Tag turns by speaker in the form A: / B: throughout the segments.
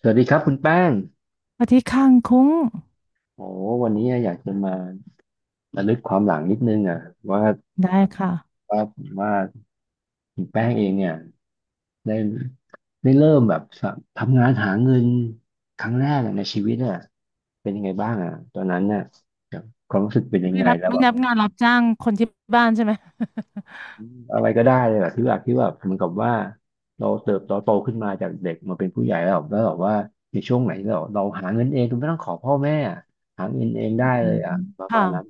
A: สวัสดีครับคุณแป้ง
B: ปฏิตย์ข้ังคุ้ง
A: โอ้วันนี้อยากจะมาระลึกความหลังนิดนึงอ่ะว่า
B: ได้ค่ะ
A: ว่าว่าคุณแป้งเองเนี่ยได้ได้เริ่มแบบสะทำงานหาเงินครั้งแรกอะในชีวิตอ่ะเป็นยังไงบ้างอ่ะตอนนั้นเนี่ยบความรู้สึกเป็นยัง
B: ไม่
A: ไง
B: รับ
A: แล้ว
B: ไม่
A: แบบ
B: นับงานรับจ้างคนที่บ้านใช่ไหม
A: อืมอะไรก็ได้เลยแบบเหมือนกับว่าเราเติบโตโตขึ้นมาจากเด็กมาเป็นผู้ใหญ่แล้วแบบว่าในช่วงไหนเราหาเงินเองโดยไม่ต้องขอพ่อแม่อะหาเงินเองได้
B: อื
A: เลยอ่ะ
B: ม
A: ประมา
B: ค่ะ
A: ณนั้น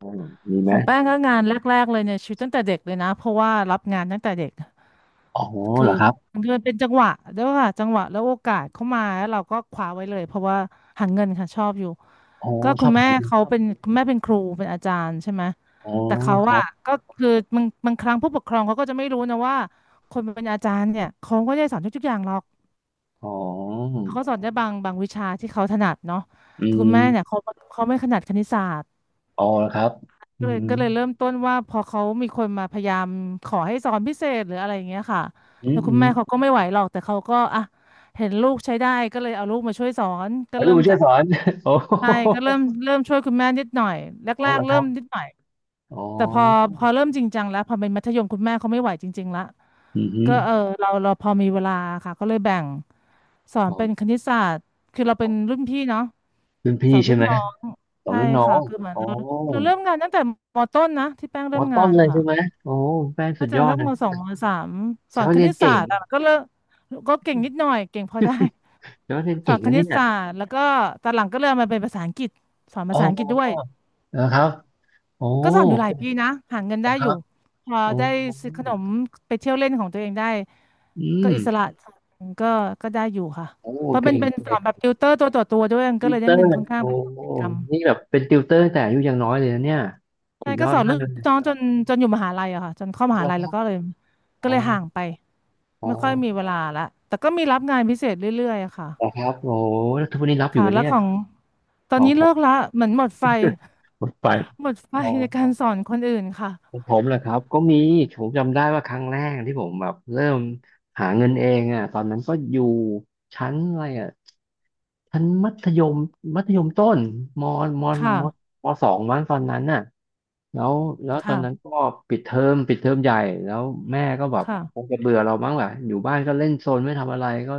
A: อืมมีไห
B: ข
A: ม
B: องแป้งก็งานแรกๆเลยเนี่ยชีวิตตั้งแต่เด็กเลยนะเพราะว่ารับงานตั้งแต่เด็ก
A: อ๋อ
B: คื
A: เห
B: อ
A: รอครับ
B: มันเป็นจังหวะด้วยค่ะจังหวะแล้วโอกาสเข้ามาแล้วเราก็คว้าไว้เลยเพราะว่าหาเงินค่ะชอบอยู่
A: อ๋อ
B: ก็
A: ช
B: คุ
A: อ
B: ณ
A: บ
B: แม่
A: ทำบุญ
B: เขาเป็นคุณแม่เป็นครูเป็นอาจารย์ใช่ไหม
A: อ๋อ
B: แต่เขา
A: ครั
B: อะ
A: บ
B: ก็คือบางครั้งผู้ปกครองเขาก็จะไม่รู้นะว่าคนเป็นอาจารย์เนี่ยเขาก็ไม่ได้สอนทุกๆอย่างหรอก
A: อ๋อ
B: เขาก็สอนได้บางวิชาที่เขาถนัดเนาะ
A: อื
B: คุณแม่เนี่ย
A: ม
B: เขาไม่ขนาดคณิตศาสตร์
A: อ๋อเหรอครับอื
B: ก็เลย
A: ม
B: ก็เลยเริ่มต้นว่าพอเขามีคนมาพยายามขอให้สอนพิเศษหรืออะไรอย่างเงี้ยค่ะ
A: อื
B: แล้
A: ม
B: วคุ
A: อื
B: ณ
A: ม
B: แม่เขาก็ไม่ไหวหรอกแต่เขาก็อ่ะเห็นลูกใช้ได้ก็เลยเอาลูกมาช่วยสอนก็
A: แล้วลู
B: เริ่
A: ก
B: ม
A: บุญช่ว
B: จา
A: ย
B: ก
A: สอน โอ้
B: ใช่ก็เริ่มช่วยคุณแม่นิดหน่อย
A: อ๋อ
B: แร
A: เหร
B: ก
A: อ
B: ๆ
A: ค
B: เริ่
A: รั
B: ม
A: บ
B: นิดหน่อย
A: อ๋
B: แต่พอ
A: อ
B: พอเริ่มจริงจังแล้วพอเป็นมัธยมคุณแม่เขาไม่ไหวจริงๆละ
A: อืมอหือ
B: ก็เออเราพอมีเวลาค่ะก็เลยแบ่งสอน
A: อ๋อ
B: เป็นคณิตศาสตร์คือเราเป็นรุ่นพี่เนาะ
A: รุ่นพี่
B: สอน
A: ใช่
B: รุ่น
A: ไหม
B: น้อง
A: ต่อน
B: ใช่
A: รุ่นน้อ
B: ค่ะ
A: ง
B: คือเหมือน
A: อ๋อ
B: เราเริ่มงานตั้งแต่มต้นนะที่แป้ง
A: ม
B: เริ่
A: อ
B: ม
A: ต้
B: งา
A: น
B: น
A: เล
B: อะ
A: ย
B: ค่ะ
A: ใช่ไหมโอ้แฟนสุ
B: น่า
A: ด
B: จะ
A: ยอด
B: สัก
A: นะ
B: มสองมสามส
A: แสด
B: อ
A: ง
B: น
A: ว่า
B: ค
A: เรี
B: ณิ
A: ยน
B: ตศา
A: เก่ง
B: สตร์อะก็เลิกก็เก่งนิดหน่อยเก่งพอได้
A: แสดงว่าเรียน
B: สอ
A: เก่ง
B: นค
A: แล้ว
B: ณิต
A: เนี่ย
B: ศาสตร์แล้วก็ตอนหลังก็เริ่มมาเป็นภาษาอังกฤษสอน
A: อ๋
B: ภาษาอังกฤษด้วย
A: อเหรอครับโอ้
B: ก็สอนอยู่หลายปีนะหาเงิน
A: เหรอ
B: ได้
A: ค
B: อ
A: รั
B: ยู่
A: บ
B: พอ
A: โอ้
B: ได้ซื้อขนมไปเที่ยวเล่นของตัวเองได้
A: อื
B: ก็
A: ม
B: อิสระก็ก็ได้อยู่ค่ะ
A: โอ้
B: เพราะ
A: เก่
B: มั
A: ง
B: นเป็นส
A: เก่
B: อน
A: ง
B: แบบติวเตอร์ตัวต่อตัวด้วยมัน
A: ติ
B: ก็
A: ว
B: เลย
A: เต
B: ได้
A: อ
B: เงิ
A: ร์
B: นค่อนข้าง
A: โอ้
B: เป็น
A: โห
B: กิจกรรม
A: นี่แบบเป็นติวเตอร์แต่อายุยังน้อยเลยนะเนี่ยสุ
B: ใช่
A: ดย
B: ก็
A: อด
B: สอน
A: มา
B: ลู
A: ก
B: ก
A: เลย
B: น้องจนอยู่มหาลัยอะค่ะจนเข้าม
A: เอา
B: หา
A: ละ
B: ลัย
A: ครั
B: แล้ว
A: บ
B: ก็เลย
A: อ๋อ
B: ห่างไป
A: อ๋อ
B: ไม่ค่อยมีเวลาละแต่ก็มีรับงานพิเศษเรื่อยๆอะค่ะ
A: เหรอครับโอ้โหแล้วทุกวันนี้รับอยู่
B: ค่ะ
A: ไหม
B: แล้
A: เนี่
B: ว
A: ย
B: ของตอ
A: ข
B: น
A: อง
B: นี้
A: ผ
B: เลิ
A: ม
B: กละเหมือนหมดไฟ
A: หมดไป
B: หมดไฟ
A: อ๋
B: ในกา
A: อ
B: รสอนคนอื่นค่ะ
A: ของผมเหรอครับก็มีผมจำได้ว่าครั้งแรกที่ผมแบบเริ่มหาเงินเองอ่ะตอนนั้นก็อยู่ชั้นอะไรอ่ะชั้นมัธยมมัธยมต้นมม
B: ค
A: ม
B: ่ะ
A: มสองมั้งตอนนั้นน่ะ แล้วแล้วตอนนั้น
B: ค่ะ
A: ก็ปิดเทอมปิดเทอมใหญ่แล้วแม่ก็แบบคง
B: ค่ะ
A: จะเบื่อเรามั้งแหละอยู่บ้านก็เล่นโซนไม่ทำอะไรก็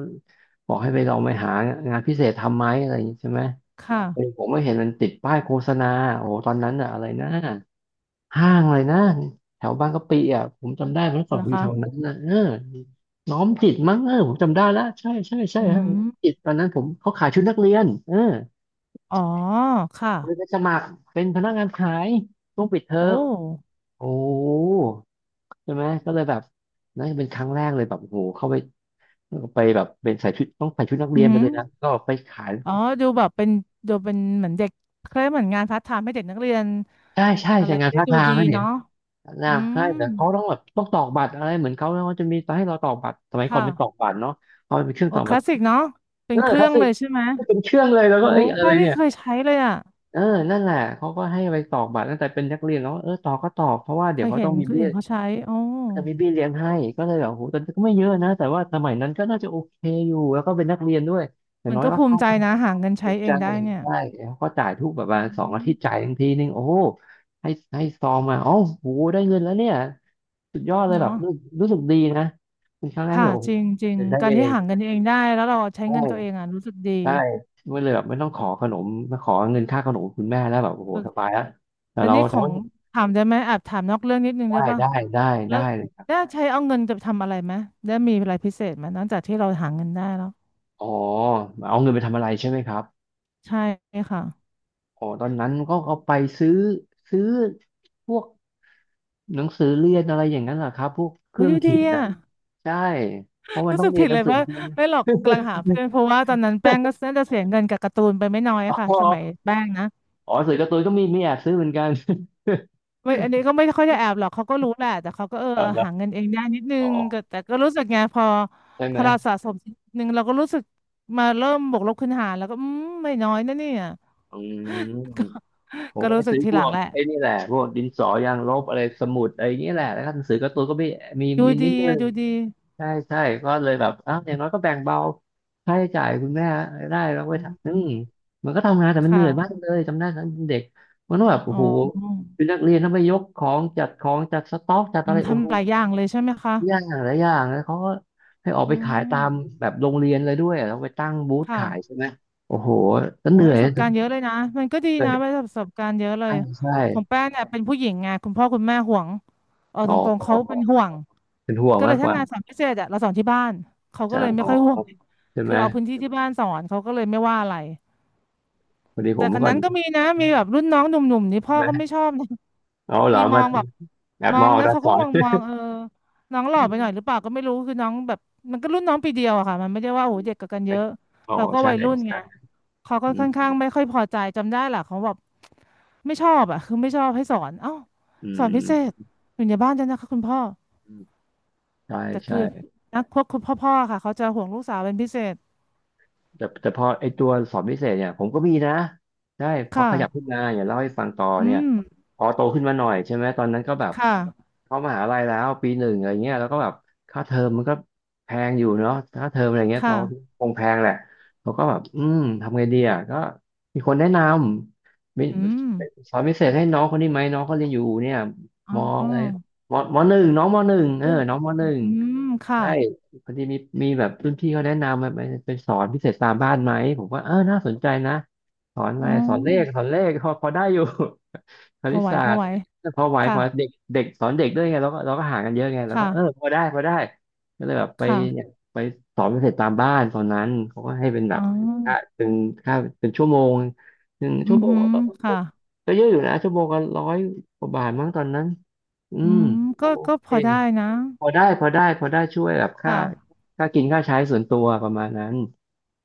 A: บอกให้ไปลองไปหางานพิเศษทำไหมอะไรอย่างนี้ใช่ไหม
B: ค่ะ
A: เออผมกเห็นมันติดป้ายโฆษณาโอ้โหตอนนั้นอะอะไรนะห้างอะไรนะแถวบางกะปิอ่ะผมจำได้เมื่อก่อนผ
B: นะ
A: มอยู่แถว
B: คะ
A: นั้นนะเออน้อมจิตมั้งเออผมจำได้แล้วใช่ใช่ใช่
B: อื
A: ห้างน้อ
B: ม
A: มจิตตอนนั้นผมเขาขายชุดนักเรียนเออ
B: อ๋อค่ะ
A: เลยไปสมัครเป็นพนักงานขายช่วงปิดเทอ
B: โอ
A: ม
B: ้
A: โอ้ ใช่ไหมก็เลยแบบนั่นเป็นครั้งแรกเลยแบบโอ้โหเข้าไปไปแบบเป็นใส่ชุดต้องใส่ชุดนัก
B: อื
A: เรีย
B: อ
A: นไป
B: หื
A: เล
B: อ
A: ยนะก็ไปขาย
B: อ๋อดูแบบเป็นดูเป็นเหมือนเด็กเคล้ายเหมือนงานพาร์ทไทม์ให้เด็กนักเรียน
A: ใช่ใช่
B: อะ
A: ใส่
B: ไร
A: งาน
B: ได้
A: ท่า
B: ดู
A: ทาง
B: ดี
A: นะเนี่ย
B: เนาะ
A: นะ
B: อืม
A: ใช่แต่เขาต้องแบบต้องตอกบัตรอะไรเหมือนเขาแล้วเขาจะมีให้เราตอกบัตรสมัยก่อน
B: ค่ะ
A: เป็นตอกบัตรเนาะเขาเป็นเครื่อง
B: โอ้
A: ตอก
B: ค
A: บัต
B: ลา
A: ร
B: สสิกเนาะเป็
A: เอ
B: น
A: อ
B: เค
A: ค
B: รื่อ
A: ลาส
B: ง
A: สิ
B: เล
A: ก
B: ยใช่ไหม
A: เป็นเครื่องเลยแล้วก็
B: โอ้
A: เอ้ยอะไร
B: ป้าไม่
A: เนี่ย
B: เคยใช้เลยอ่ะ
A: เออนั่นแหละเขาก็ให้ไปตอกบัตรตั้งแต่เป็นนักเรียนแล้วเออตอกก็ตอกเพราะว่า
B: เค
A: เดี๋ยว
B: ย
A: เขา
B: เห็
A: ต้อ
B: น
A: งมี
B: คน
A: เบี้ย
B: อื่นเขาใช้โอ้
A: จะมีเบี้ยเลี้ยงให้ก็เลยแบบโอ้โหแต่ก็ไม่เยอะนะแต่ว่าสมัยนั้นก็น่าจะโอเคอยู่แล้วก็เป็นนักเรียนด้วยอย่าง
B: มัน
A: น้อย
B: ก็
A: ก็
B: ภูมิใจนะหาเงิน
A: ถู
B: ใช้
A: ก
B: เอ
A: ใจ
B: งได้เนี่ย
A: ใช่แล้วก็จ่ายทุกแบบ
B: อื
A: ว่าสองอาทิตย์จ่าย
B: ม
A: ทังทีนึงโอ้โหให้ให้ซองมาโอ๋อโหได้เงินแล้วเนี่ยสุดยอดเลยแบบ
B: เนาะ
A: รู้รู้สึกดีนะเป็นครั้งแรก
B: ค่ะ
A: ที่แบบโอ้
B: จ
A: โห
B: ริงจริง
A: ได้
B: การ
A: เอ
B: ที่
A: ง
B: หาเงินเองได้แล้วเราใช้เงินตัวเอ
A: ใช่
B: งอ่ะรู้สึกดี
A: ใช่ไม่เลยแบบไม่ต้องขอขนมมาขอเงินค่าขนมคุณแม่แล้วแบบโอ้โหสบายแล้วแต่
B: แล้ว
A: เรา
B: นี่ของ
A: ทำ
B: ถามได้ไหมแอบถามนอกเรื่องนิดนึงได้ป่ะ
A: ได้ได้ได้
B: แล้ว
A: ได้เลยครับ
B: ได้ใช้เอาเงินจะทำอะไรไหมได้มีอะไรพิเศษไหมนอกจากที่เราหาเงินได้แล้ว
A: อ๋อเอาเงินไปทำอะไรใช่ไหมครับ
B: ใช่ค่ะ
A: อ๋อตอนนั้นก็เอาไปซื้อซื้อพวก หนังสือเรียนอะไรอย่างนั้นเหรอครับพวกเค
B: อุ๊
A: รื่
B: ย
A: อง
B: ดูดี
A: เขียน
B: อ่ะ
A: น่ะใช่เพราะ มัน
B: รู้
A: ต้อ
B: สึ
A: ง
B: ก
A: เรีย
B: ผิ
A: น
B: ด
A: หนั
B: เล
A: ง
B: ย
A: สือ
B: ว่า
A: เรียน
B: ไม่หรอกกำลังหาเพื่อนเพราะว่าตอนนั้นแป้งก็น่าจะเสียเงินกับการ์ตูนไปไม่น้อย ค่ะ
A: อ๋อ
B: สมัยแป้งนะ
A: อ๋อหนังสือการ์ตูนก็มีแอบซื้อเหมือนกัน
B: ไม่อันนี้ก็ไม่ค่อยจะแอบหรอกเขาก็รู้แหละแต่เขาก็เออ
A: เอา
B: เออ
A: ละ
B: หาเงินเองได้นิดนึ
A: อ๋อ
B: งก็แต่ก็รู้สึกไงพอ
A: ใช่
B: พ
A: ไหม
B: อเราสะสมนิดนึงเราก็รู้สึกมาเริ่มบวกลบคูณหารแล้วก็อืมไม่น้อยนะเนี่ย
A: อืมผม
B: ก็
A: ก็ไป
B: รู้สึก
A: ซื้อ
B: ที
A: พ
B: หลั
A: ว
B: ง
A: ก
B: แหละ
A: ไอ้นี่แหละพวกดินสอยางลบอะไรสมุดอะไรอย่างเงี้ยแหละแล้วก็หนังสือการ์ตูนก็มีมี
B: ดู
A: มีนิด
B: ดี
A: นึ
B: อะ
A: ง
B: ดูดี
A: ใช่ใช่ก็เลยแบบอ้าวอย่างน้อยก็แบ่งเบาค่าใช้จ่ายคุณแม่ได้แล้วไป
B: อื
A: ทำอืม
B: ม
A: มันก็ทำงานแต่
B: ค
A: มันเหนื่อยมาก
B: ่ะ
A: เลยจำได้ตอนเด็กมันต้องแบบโอ้
B: อ๋อ
A: โหเป็นนักเรียนต้องไปยกของจัดของจัดสต็อกจัด
B: อื
A: อะ
B: ม
A: ไรโอ้โห
B: ทำหลายอย่างเลยใช่ไหมคะ
A: ยากหลายอย่างแล้วเขาก็ให้ออก
B: อื
A: ไปขายตาม
B: ม
A: แบบโรงเรียนเลยด้วยเราไปตั้งบูธ
B: ค่ะ
A: ขายใช่ไหมโอ้โหก็เห
B: โอ้ย
A: นื่อ
B: ป
A: ย
B: ระสบ
A: ก็
B: การณ์เยอะเลยนะมันก็ดี
A: เหนื่อ
B: นะ
A: ย
B: ว่าประสบการณ์เยอะเลย
A: ใช่ใช่
B: ของแป้งเนี่ยเป็นผู้หญิงไงคุณพ่อคุณแม่ห่วงเอา
A: อ๋
B: ต
A: อ
B: รงๆเขาเป็นห่วง
A: เป็นห่วง
B: ก็เล
A: มา
B: ย
A: กก
B: ถ้า
A: ว่า
B: งานสอนพิเศษอะเราสอนที่บ้านเขาก็
A: ใช่
B: เลยไม่
A: อ๋อ
B: ค่อยห่วง
A: ใช่ไห
B: คื
A: ม
B: อเอาพื้นที่ที่บ้านสอนเขาก็เลยไม่ว่าอะไร
A: พอดีผ
B: แต่
A: ม
B: ค
A: เมื่อ
B: น
A: ก่อน
B: นั้
A: อ
B: น
A: ยู่
B: ก็
A: ที่
B: มีนะมีแบบรุ่นน้องหนุ่มๆนี่
A: ใช่
B: พ่อ
A: ไหม
B: ก็ไม่ชอบนะ
A: อ๋อเหรอ
B: มีม
A: มา
B: องแบบ
A: แอบ
B: มอ
A: ม
B: ง
A: อง
B: นะ
A: ตา
B: เขา
A: ส
B: ก็
A: อ
B: ม
A: น
B: องมองเออน้องหล่อ
A: อื
B: ไปหน่อยหรือ
A: ม
B: เปล่าก็ไม่รู้คือน้องแบบมันก็รุ่นน้องปีเดียวอะค่ะมันไม่ได้ว่าโอ้โหเด็กกับกันเยอะ
A: อ๋อ
B: เราก็
A: ใช่
B: วัยรุ่นไง
A: ใช่
B: เขาก็
A: อื
B: ค่อ
A: ม
B: นข้างไม่ค่อยพอใจจำได้แหละเขาแบบไม่ชอบอะคือไม่ชอบให้สอนเอ้า
A: อื
B: สอนพิเศ
A: ม
B: ษอยู่ในบ้านด้วยนะคะคุณพ่อ
A: อืมใช่
B: แต่
A: ใช่
B: คือนักพวกคุณพ่อๆค่ะเขาจะห่วงลูกสาวเป็นพิเศษ
A: แต่พอไอตัวสอบพิเศษเนี่ยผมก็มีนะใช่พอ
B: ค่ะ
A: ขยับขึ้นมาอย่าเล่าให้ฟังต่อ
B: อื
A: เนี่ย
B: ม
A: พอโตขึ้นมาหน่อยใช่ไหมตอนนั้นก็แบบ
B: ค่ะ
A: เข้ามหาลัยแล้วปีหนึ่งอะไรเงี้ยแล้วก็แบบค่าเทอมมันก็แพงอยู่เนาะค่าเทอมอะไรเงี้ยเรา
B: ค่ะ
A: คงแพงแหละเราก็แบบอืมทำไงดีอ่ะก็มีคนแนะนำมี
B: อืม
A: สอนพิเศษให้น้องคนนี้ไหมน้องเขาเรียนอยู่เนี่ย
B: อ๋อ
A: มอะไรมมหนึ่งน้องมหนึ่งเออ
B: ขึ้น
A: น้องมหนึ่ง
B: อืมค่ะ
A: ใช่พอดีมีแบบรุ่นพี่เขาแนะนำมาไปสอนพิเศษตามบ้านไหมผมว่าเออน่าสนใจนะสอนอะไร
B: อ๋
A: สอนเลขส
B: อ
A: อนเลขพอได้อยู่ ค
B: พอ
A: ณิต
B: ไหว
A: ศา
B: พอ
A: สต
B: ไห
A: ร์
B: ว
A: พอไหวพ
B: ค่ะ
A: อเด็กเด็กสอนเด็กด้วยไงเราก็ห่างกันเยอะไงเราก็เออ
B: ค่ะ
A: พอได้พอได้ก็เลยแบบไปเนี่ย
B: ค่ะ
A: ไปสอนพิเศษตามบ้านตอนนั้นเขาก็ให้เป็นแบ
B: อ๋อ
A: บค่าเป็นค่าเป็นชั่วโมงหนึ่ง
B: อื
A: ชั่ว
B: อ
A: โมง
B: หือ
A: ก็
B: ค่ะ
A: เยอะอยู่นะชั่วโมงก็ร้อยกว่าบาทมั้งตอนนั้นอื
B: อื
A: ม
B: ม
A: ก็
B: ก็
A: โอ
B: ก็พ
A: เค
B: อได้นะ
A: พอได้พอได้พอได้ช่วยแบบค่า
B: ค่ะ
A: ค่ากินค่าใช้ส่วนตัวประมาณนั้น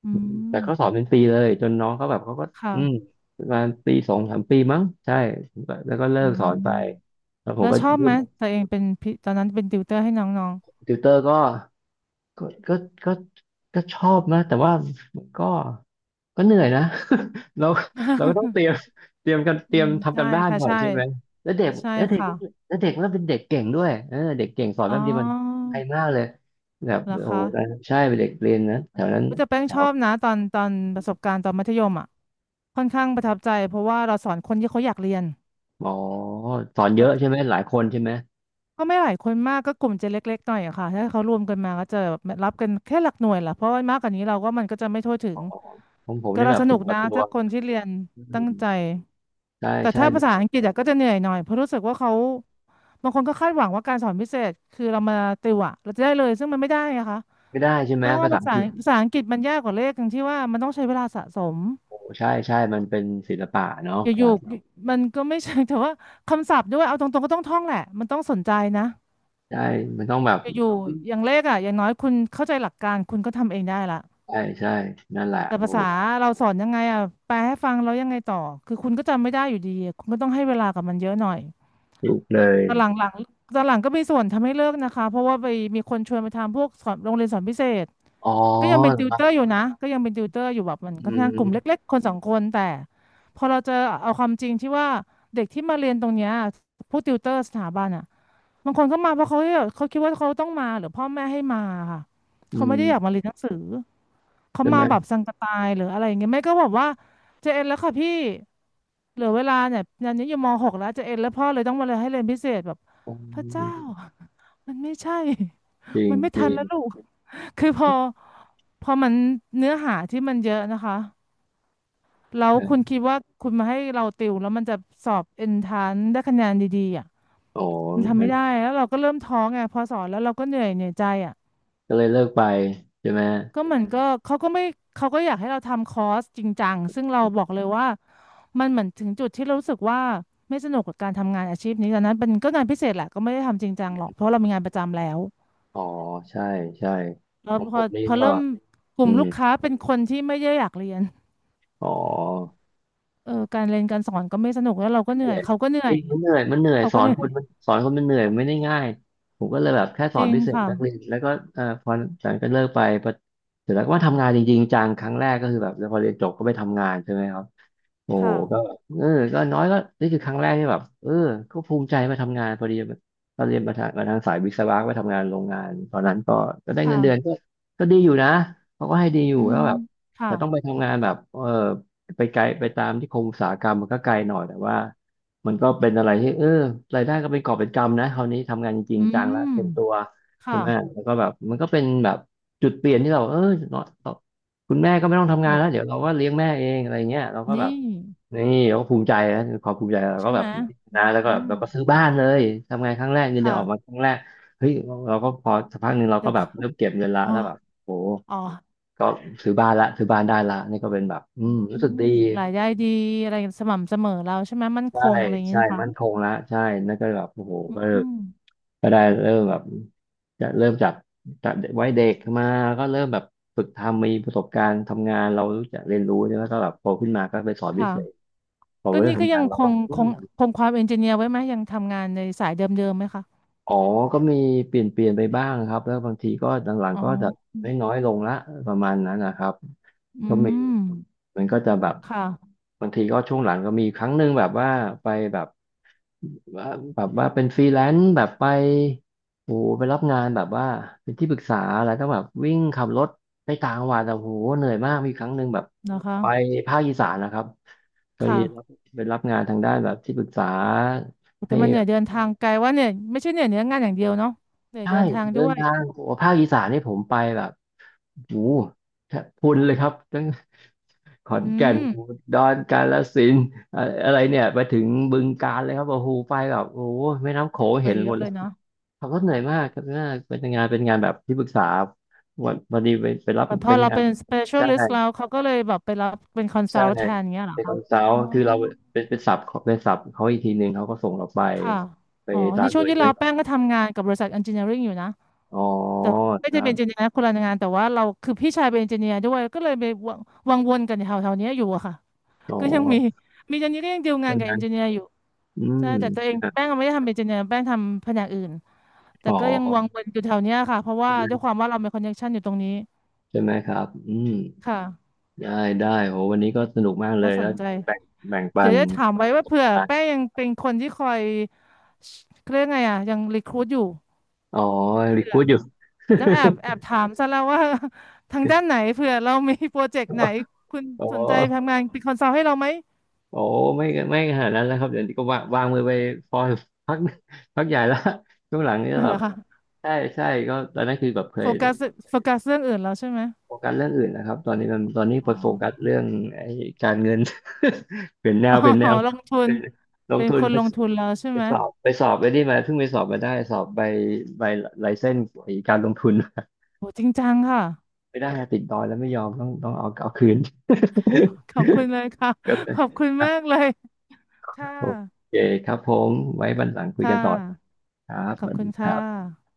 B: อื
A: แต่เขาสอน
B: ม
A: เป็นปีเลยจนน้องเขาแบบเขาก็
B: ค
A: อืม
B: ่ะ
A: ประมาณปีสองสามปีมั้งใช่แล้วก็เลิ
B: อื
A: กสอน
B: ม
A: ไปแล้วผม
B: แล้ว
A: ก็
B: ชอบไหมตัวเองเป็นพิตอนนั้นเป็นติวเตอร์ให้น้อง
A: ติวเตอร์ก็ก็ก็ก็ชอบนะแต่ว่าก็ ก็เหนื่อยนะ เราเราก็ต้อง
B: ๆ
A: เตรียมเตรียมกัน เต
B: อื
A: รีย
B: ม
A: มทำ
B: ใช่
A: กันบ้าน
B: ค่ะ
A: ก่อน
B: ใช่
A: ใช่ไหม แล้วเด็ก
B: ใช่
A: แล้วเด็ก
B: ค่ะ
A: แล้วเด็กแล้วเป็นเด็กเก่งด้วยเออเด็กเก่งสอน
B: อ๋
A: แป๊บเดียวมัน
B: อ
A: ไฮมากเลยแบบ
B: เหรอ
A: โอ้
B: คะ
A: โหใช่เป็นเด็กเรียนนะแถวนั้น
B: ก็จะแป้ง
A: แถ
B: ช
A: ว
B: อบนะตอนตอนประสบการณ์ตอนมัธยมอ่ะค่อนข้างประทับใจเพราะว่าเราสอนคนที่เขาอยากเรียน
A: อ๋อสอนเยอะใช่ไหมหลายคนใช่ไหม
B: ก็ไม่หลายคนมากก็กลุ่มจะเล็กๆหน่อยอะค่ะถ้าเขารวมกันมาก็จะแบบรับกันแค่หลักหน่วยแหละเพราะว่ามากกว่านี้เราก็มันก็จะไม่ทั่วถึง
A: ของผม
B: ก็
A: นี่
B: เรา
A: แบบ
B: ส
A: ค
B: นุ
A: น
B: ก
A: ว่อ
B: นะ
A: ตัว
B: ถ้าคนที่เรียน
A: อื
B: ตั้ง
A: ม
B: ใจ
A: ใช่
B: แต่
A: ใช่
B: ถ้าภาษาอังกฤษอะก็จะเหนื่อยหน่อยเพราะรู้สึกว่าเขาบางคนก็คาดหวังว่าการสอนพิเศษคือเรามาติวอะเราจะได้เลยซึ่งมันไม่ได้อะค่ะ
A: ไม่ได้ใช่ไห
B: แป
A: ม
B: ลว่า
A: ภาษา
B: ภา
A: อัง
B: ษา
A: กฤษ
B: ภาษาอังกฤษมันยากกว่าเลขตรงที่ว่ามันต้องใช้เวลาสะสม
A: โอ้ใช่ใช่มันเป็นศิลปะเนาะ
B: อ
A: ภาษา
B: ยู่
A: อังกฤษ
B: ๆมันก็ไม่ใช่ แต่ว่าคำศัพท์ด้วยเอาตรงๆก็ต้องท่องแหละมันต้องสนใจนะ
A: ใช่มันต้องแบบ
B: อยู่ๆอย่างเลขอ่ะอย่างน้อยคุณเข้าใจหลักการคุณก็ทำเองได้ละ
A: ใช่ใช่นั่นแหละ
B: แต่
A: โอ้
B: ภาษาเราสอนยังไงอ่ะแปลให้ฟังแล้วยังไงต่อคือคุณก็จำไม่ได้อยู่ดีอะคุณก็ต้องให้เวลากับมันเยอะหน่อย
A: ถูกเลย
B: ตอนหลังหลังตอนหลังก็มีส่วนทำให้เลิกนะคะเพราะว่าไปมีคนชวนไปทำพวกสอนโรงเรียนสอนพิเศษ
A: อ๋อ
B: ก็ยังเป็นติวเตอร์อยู่นะก็ยังเป็นติวเตอร์อยู่แบบมัน
A: อื
B: ค่อนข้างกลุ่ม
A: ม
B: เล็กๆคนสองคนแต่พอเราเจอเอาความจริงที่ว่าเด็กที่มาเรียนตรงเนี้ยผู้ติวเตอร์สถาบันอ่ะ บางคนก็มาเพราะเขาแบบเขาคิดว่าเขาต้องมาหรือพ่อแม่ให้มาค่ะ
A: อื
B: เขาไม่ได้อยากมา
A: ม
B: เรียนหนังสือเขา
A: ใช่ไห
B: มาแบบ
A: ม
B: สังกะตายหรืออะไรอย่างเงี้ยแม่ก็บอกว่าเจเอ็นแล้วค่ะพี่เหลือเวลาเนี่ยตอนนี้อยู่ม .6 แล้วเจเอ็นแล้วพ่อเลยต้องมาเลยให้เรียนพิเศษแบบ
A: อื
B: พระเจ้า
A: ม
B: มันไม่ใช่
A: จริ ง
B: มันไม่
A: จริ
B: ทันแล้ว
A: ง
B: ลูก คือพอมันเนื้อหาที่มันเยอะนะคะแล้ว
A: ค
B: คุณ
A: รับ
B: คิดว่าคุณมาให้เราติวแล้วมันจะสอบเอนทานได้คะแนนดีๆอ่ะ
A: อ๋อ
B: มันทำไม่
A: งั้น
B: ได้แล้วเราก็เริ่มท้อไงพอสอนแล้วเราก็เหนื่อยเหนื่อยใจอ่ะ
A: ก็เลยเลิกไปใช่ไหม
B: ก็เหมือนก็เขาก็ไม่เขาก็อยากให้เราทำคอร์สจริงจังซึ่งเราบอกเลยว่ามันเหมือนถึงจุดที่เรารู้สึกว่าไม่สนุกกับการทำงานอาชีพนี้ตอนนั้นเป็นก็งานพิเศษแหละก็ไม่ได้ทำจริงจังหรอกเพราะเรามีงานประจำแล้ว
A: อ๋อใช่ใช่
B: แล้
A: ข
B: ว
A: อง
B: พ
A: ผ
B: อ
A: มนี่
B: พอ
A: ก็
B: เริ่มกลุ่
A: อื
B: ม
A: ม
B: ลูกค้าเป็นคนที่ไม่ได้อยากเรียน
A: อ๋อ
B: เออการเรียนการสอนก็ไม่สนุกแล้วเราก็เห
A: เห
B: นื่อ
A: นื่
B: ย
A: อย
B: เขาก็เหนื่
A: เอ
B: อย
A: งมันเหนื่อยมันเหนื่อย
B: เขา
A: ส
B: ก็
A: อน
B: เหนื่อ
A: ค
B: ย
A: นมันสอนคนมันเหนื่อยไม่ได้ง่ายผมก็เลยแบบแค่ส
B: จ
A: อน
B: ริง
A: พิเศษ
B: ค่ะ
A: นักเรียนแล้วก็พอหลังจากก็เลิกไปพอเสร็จแล้วก็มาทำงานจริงๆจังครั้งแรกก็คือแบบแล้วพอเรียนจบก็ไปทำงานใช่ไหมครับ โอ้ก็
B: ค่ะ
A: เออก็น้อยก็นี่คือครั้งแรกที่แบบเออก็ภูมิใจมาทำงานพอดีตอนเรียนมาทางสายวิศวะไปทำงานโรงงานตอนนั้นก็ได้เงินเดือนก็
B: ค่ะ
A: ก็ดีอยู่นะเขาก็ให้ดีอ
B: อื
A: ยู่แล้ว
B: ม
A: แบบ
B: ค่ะ
A: แต่ต้องไปทำงานแบบเออไปไกลไปตามที่คงอุตสาหกรรมมันก็ไกลหน่อยแต่ว่ามันก็เป็นอะไรที่เออรายได้ก็เป็นกอบเป็นกำนะคราวนี้ทำงานจริง
B: อื
A: จังแล้ว
B: ม
A: เต็มตัวใช่
B: ค่ะ
A: ไหมแล้วก็แบบมันก็เป็นแบบจุดเปลี่ยนที่เราเออเนาะคุณแม่ก็ไม่ต้องทำงานแล้วเดี๋ย
B: ค่ะ
A: วเราก็เลี้ยงแม่เองอะไรเงี้ยเราก็แบบ
B: นี่
A: นี่เราก็ภูมิใจนะความภูมิใจเราก็
B: ใช่
A: แบ
B: ไหม
A: บนะแล้วก็
B: อื
A: แบบ
B: ม
A: เราก็ซื้อบ้านเลยทำงานครั้งแรกเงินเดือนออกมา
B: ค่ะ
A: ครั้งแรกเฮ้ยเราก็พอสักพักหนึ่งเรา
B: เดี๋
A: ก็
B: ยว
A: แบ
B: ก็
A: บเริ่มเก็บเงินละ
B: โอ้
A: แล้วแบบโห
B: อ๋อ
A: ก็ซื้อบ้านละซื้อบ้านได้ละนี่ก็เป็นแบบอืม
B: อื
A: รู้สึก
B: ม
A: ดี
B: รายได้ดีอะไรสม่ำเสมอเราใช่ไหมมั่นค
A: ใช่
B: งอะไรอย่างนี้
A: ใช่
B: นะคะ
A: มั่นคงละใช่นั่นก็แบบโอ้โห
B: อืม
A: ก็
B: อืม
A: ก็ได้เริ่มแบบจะเริ่มจากไว้เด็กมาก็เริ่มแบบฝึกทำมีประสบการณ์ทำงานเรารู้จักเรียนรู้เนี่ยแล้วก็แบบโตขึ้นมาก็ไปสอนพิ
B: ค่ะ
A: เศษพอ
B: ก็
A: เริ่ม
B: นี่ก็
A: ทำ
B: ยั
A: งาน
B: งค
A: เราก็
B: งคงคงความเอนจิเนียร์ไว้ไหมยังทำงานในสายเดิมๆไหมคะ
A: อ๋อก็มีเปลี่ยนไปบ้างครับแล้วบางทีก็หลัง
B: อ๋อ
A: ๆก็จะไม่น้อยลงละประมาณนั้นนะครับ
B: อื
A: ก็มี
B: ม
A: มันก็จะแบบ
B: ค่ะ
A: บางทีก็ช่วงหลังก็มีครั้งหนึ่งแบบว่าไปแบบว่าแบบว่าเป็นฟรีแลนซ์แบบไปโอ้โหไปรับงานแบบว่าเป็นที่ปรึกษาอะไรต้องแบบวิ่งขับรถไปต่างจังหวัดแต่โอ้โหเหนื่อยมากมีครั้งหนึ่งแบบ
B: นะคะ
A: ไปภาคอีสานนะครับไปรับ
B: ค่ะ
A: ไปรับงานทางด้านแบบที่ปรึกษา
B: แต่
A: ให้
B: มันเหนื่อยเดินทางไกลว่าเนี่ยไม่ใช่เหนื่อยเนื้องานอย่างเดียวเนาะเหนื่อย
A: ใช่
B: เดินทาง
A: เดิ
B: ด้
A: น
B: วย
A: ทางโอ้ภาคอีสานนี่ผมไปแบบโอ้โหแทบพรุนเลยครับตั้ง ขอน
B: อื
A: แก่น
B: ม
A: อุดรกาฬสินธุ์อะอะไรเนี่ยไปถึงบึงกาฬเลยครับโอ้โหไปแบบโอ้โหแม่น้ำโขง
B: ไป
A: เห็น
B: เย
A: หม
B: อะ
A: ด
B: เล
A: เล
B: ย
A: ย
B: เนาะ
A: ขับรถเหนื่อยมากครับน่าเป็นงานเป็นงานแบบที่ปรึกษาวันวันนี้ไปรับ
B: เหมือนพอ
A: เป็น
B: เรา
A: งาน
B: เป็น specialist แล้
A: ใช่
B: วเขาก็เลยแบบไปรับเป็น
A: ใช่
B: consult แทนเงี้ยเหรอ
A: เป็นค
B: คะ
A: อนซัล
B: อ๋อ
A: ท์คือเราเป็นเป็นศัพท์ของเป็นศัพท์เขาอีกทีหนึ่งเขาก็ส่งเราไป
B: ค่ะ
A: ไป
B: อ๋อ
A: ตา
B: นี่
A: มห
B: ช่ว
A: น่
B: ง
A: วย
B: ที่
A: ด้ว
B: เรา
A: ย
B: แป้งก็ทำงานกับบริษัท engineering อยู่นะ
A: อ๋อ
B: แต่ว่า
A: ค
B: ไม่ได้
A: รั
B: เป็น
A: บ
B: engineer คนละงานแต่ว่าเราคือพี่ชายเป็น engineer ด้วยก็เลยไปวังวนกันแถวๆเนี้ยอยู่อะค่ะ
A: อ๋อ
B: ก็ยังมีมีตอนนี้ก็ยังดีลงา
A: ใช่
B: นกั
A: ไห
B: บ
A: ม
B: engineer อยู่
A: อื
B: ใช่แต่ตัวเอง
A: ม
B: แป้งไม่ได้ทำเป็น engineer แป้งทำแผนกอื่นแต่
A: อ๋อ
B: ก็ยังวังวนอยู่แถวเนี้ยค่ะเพราะว่า
A: ใช่ไหม
B: ด้วยความว่าเรามี connection อยู่ตรงนี้
A: ใช่ไหมครับอืม
B: ค่ะ
A: ได้ได้โหวันนี้ก็สนุกมากเล
B: น่า
A: ย
B: ส
A: แล้
B: น
A: ว
B: ใจ
A: แบ่งแบ่งปั
B: เดี๋ย
A: น
B: วจะถามไว้ว่าเผื่อ
A: อ๋
B: แป้งยังเป็นคนที่คอยเรื่องไงอ่ะยังรีครูทอยู่
A: อ๋อรีพูดอยู่
B: ีต้องแอบแอบถามซะแล้วว่า ทางด้านไหนเผื่อเรามีโปรเจกต์ไหนคุณ
A: อ๋อ
B: สนใจทำงานเป็นคอนซัลท์ให้เราไหม
A: โอ้ไม่ไม่ขนาดนั้นแล้วครับเดี๋ยวนี้ก็วางวางมือไปพอพัก พักใหญ่ละช่วงหลังนี่
B: อะ่
A: แบ
B: เร
A: บ
B: อคะ
A: ใช่ใช่ก็ตอนนั้นคือแบบเค
B: โฟ
A: ย
B: กัสโฟกัสเรื่องอื่นแล้วใช่ไหม
A: โฟกัสเรื่องอื่นนะครับตอนนี้มันตอนนี้
B: อ๋
A: ไปโฟกัส
B: อ
A: เรื่องไอ้การเงิน เปลี่ยนแน
B: อ๋
A: ว
B: อ
A: เปลี่ยนแน ว
B: ลงทุ
A: เป็
B: น
A: นลง
B: เป็น
A: ทุ
B: ค
A: น
B: น
A: ไป
B: ลงทุนแล้วใช่ไหม
A: สอบไปสอบไปไี้มาเพิ่งไปสอบมาได้สอบใบใบไลเซนส์ไอ้การลงทุน
B: โหจริงจังค่ะ
A: ไม่ได้อะติดดอยแล้วไม่ยอมต้องต้องเอาเอาคืน
B: ขอบคุณ เลยค่ะ
A: ก็เล
B: ข
A: ย
B: อบคุณ
A: อ่ะ
B: มากเลยค่ะ
A: โอเคครับผมไว้วันหลังคุย
B: ค่
A: กันต่อ
B: ะ
A: ครับ
B: ข
A: ส
B: อบ
A: วัส
B: คุ
A: ดี
B: ณ
A: ค
B: ค่
A: รับ
B: ะ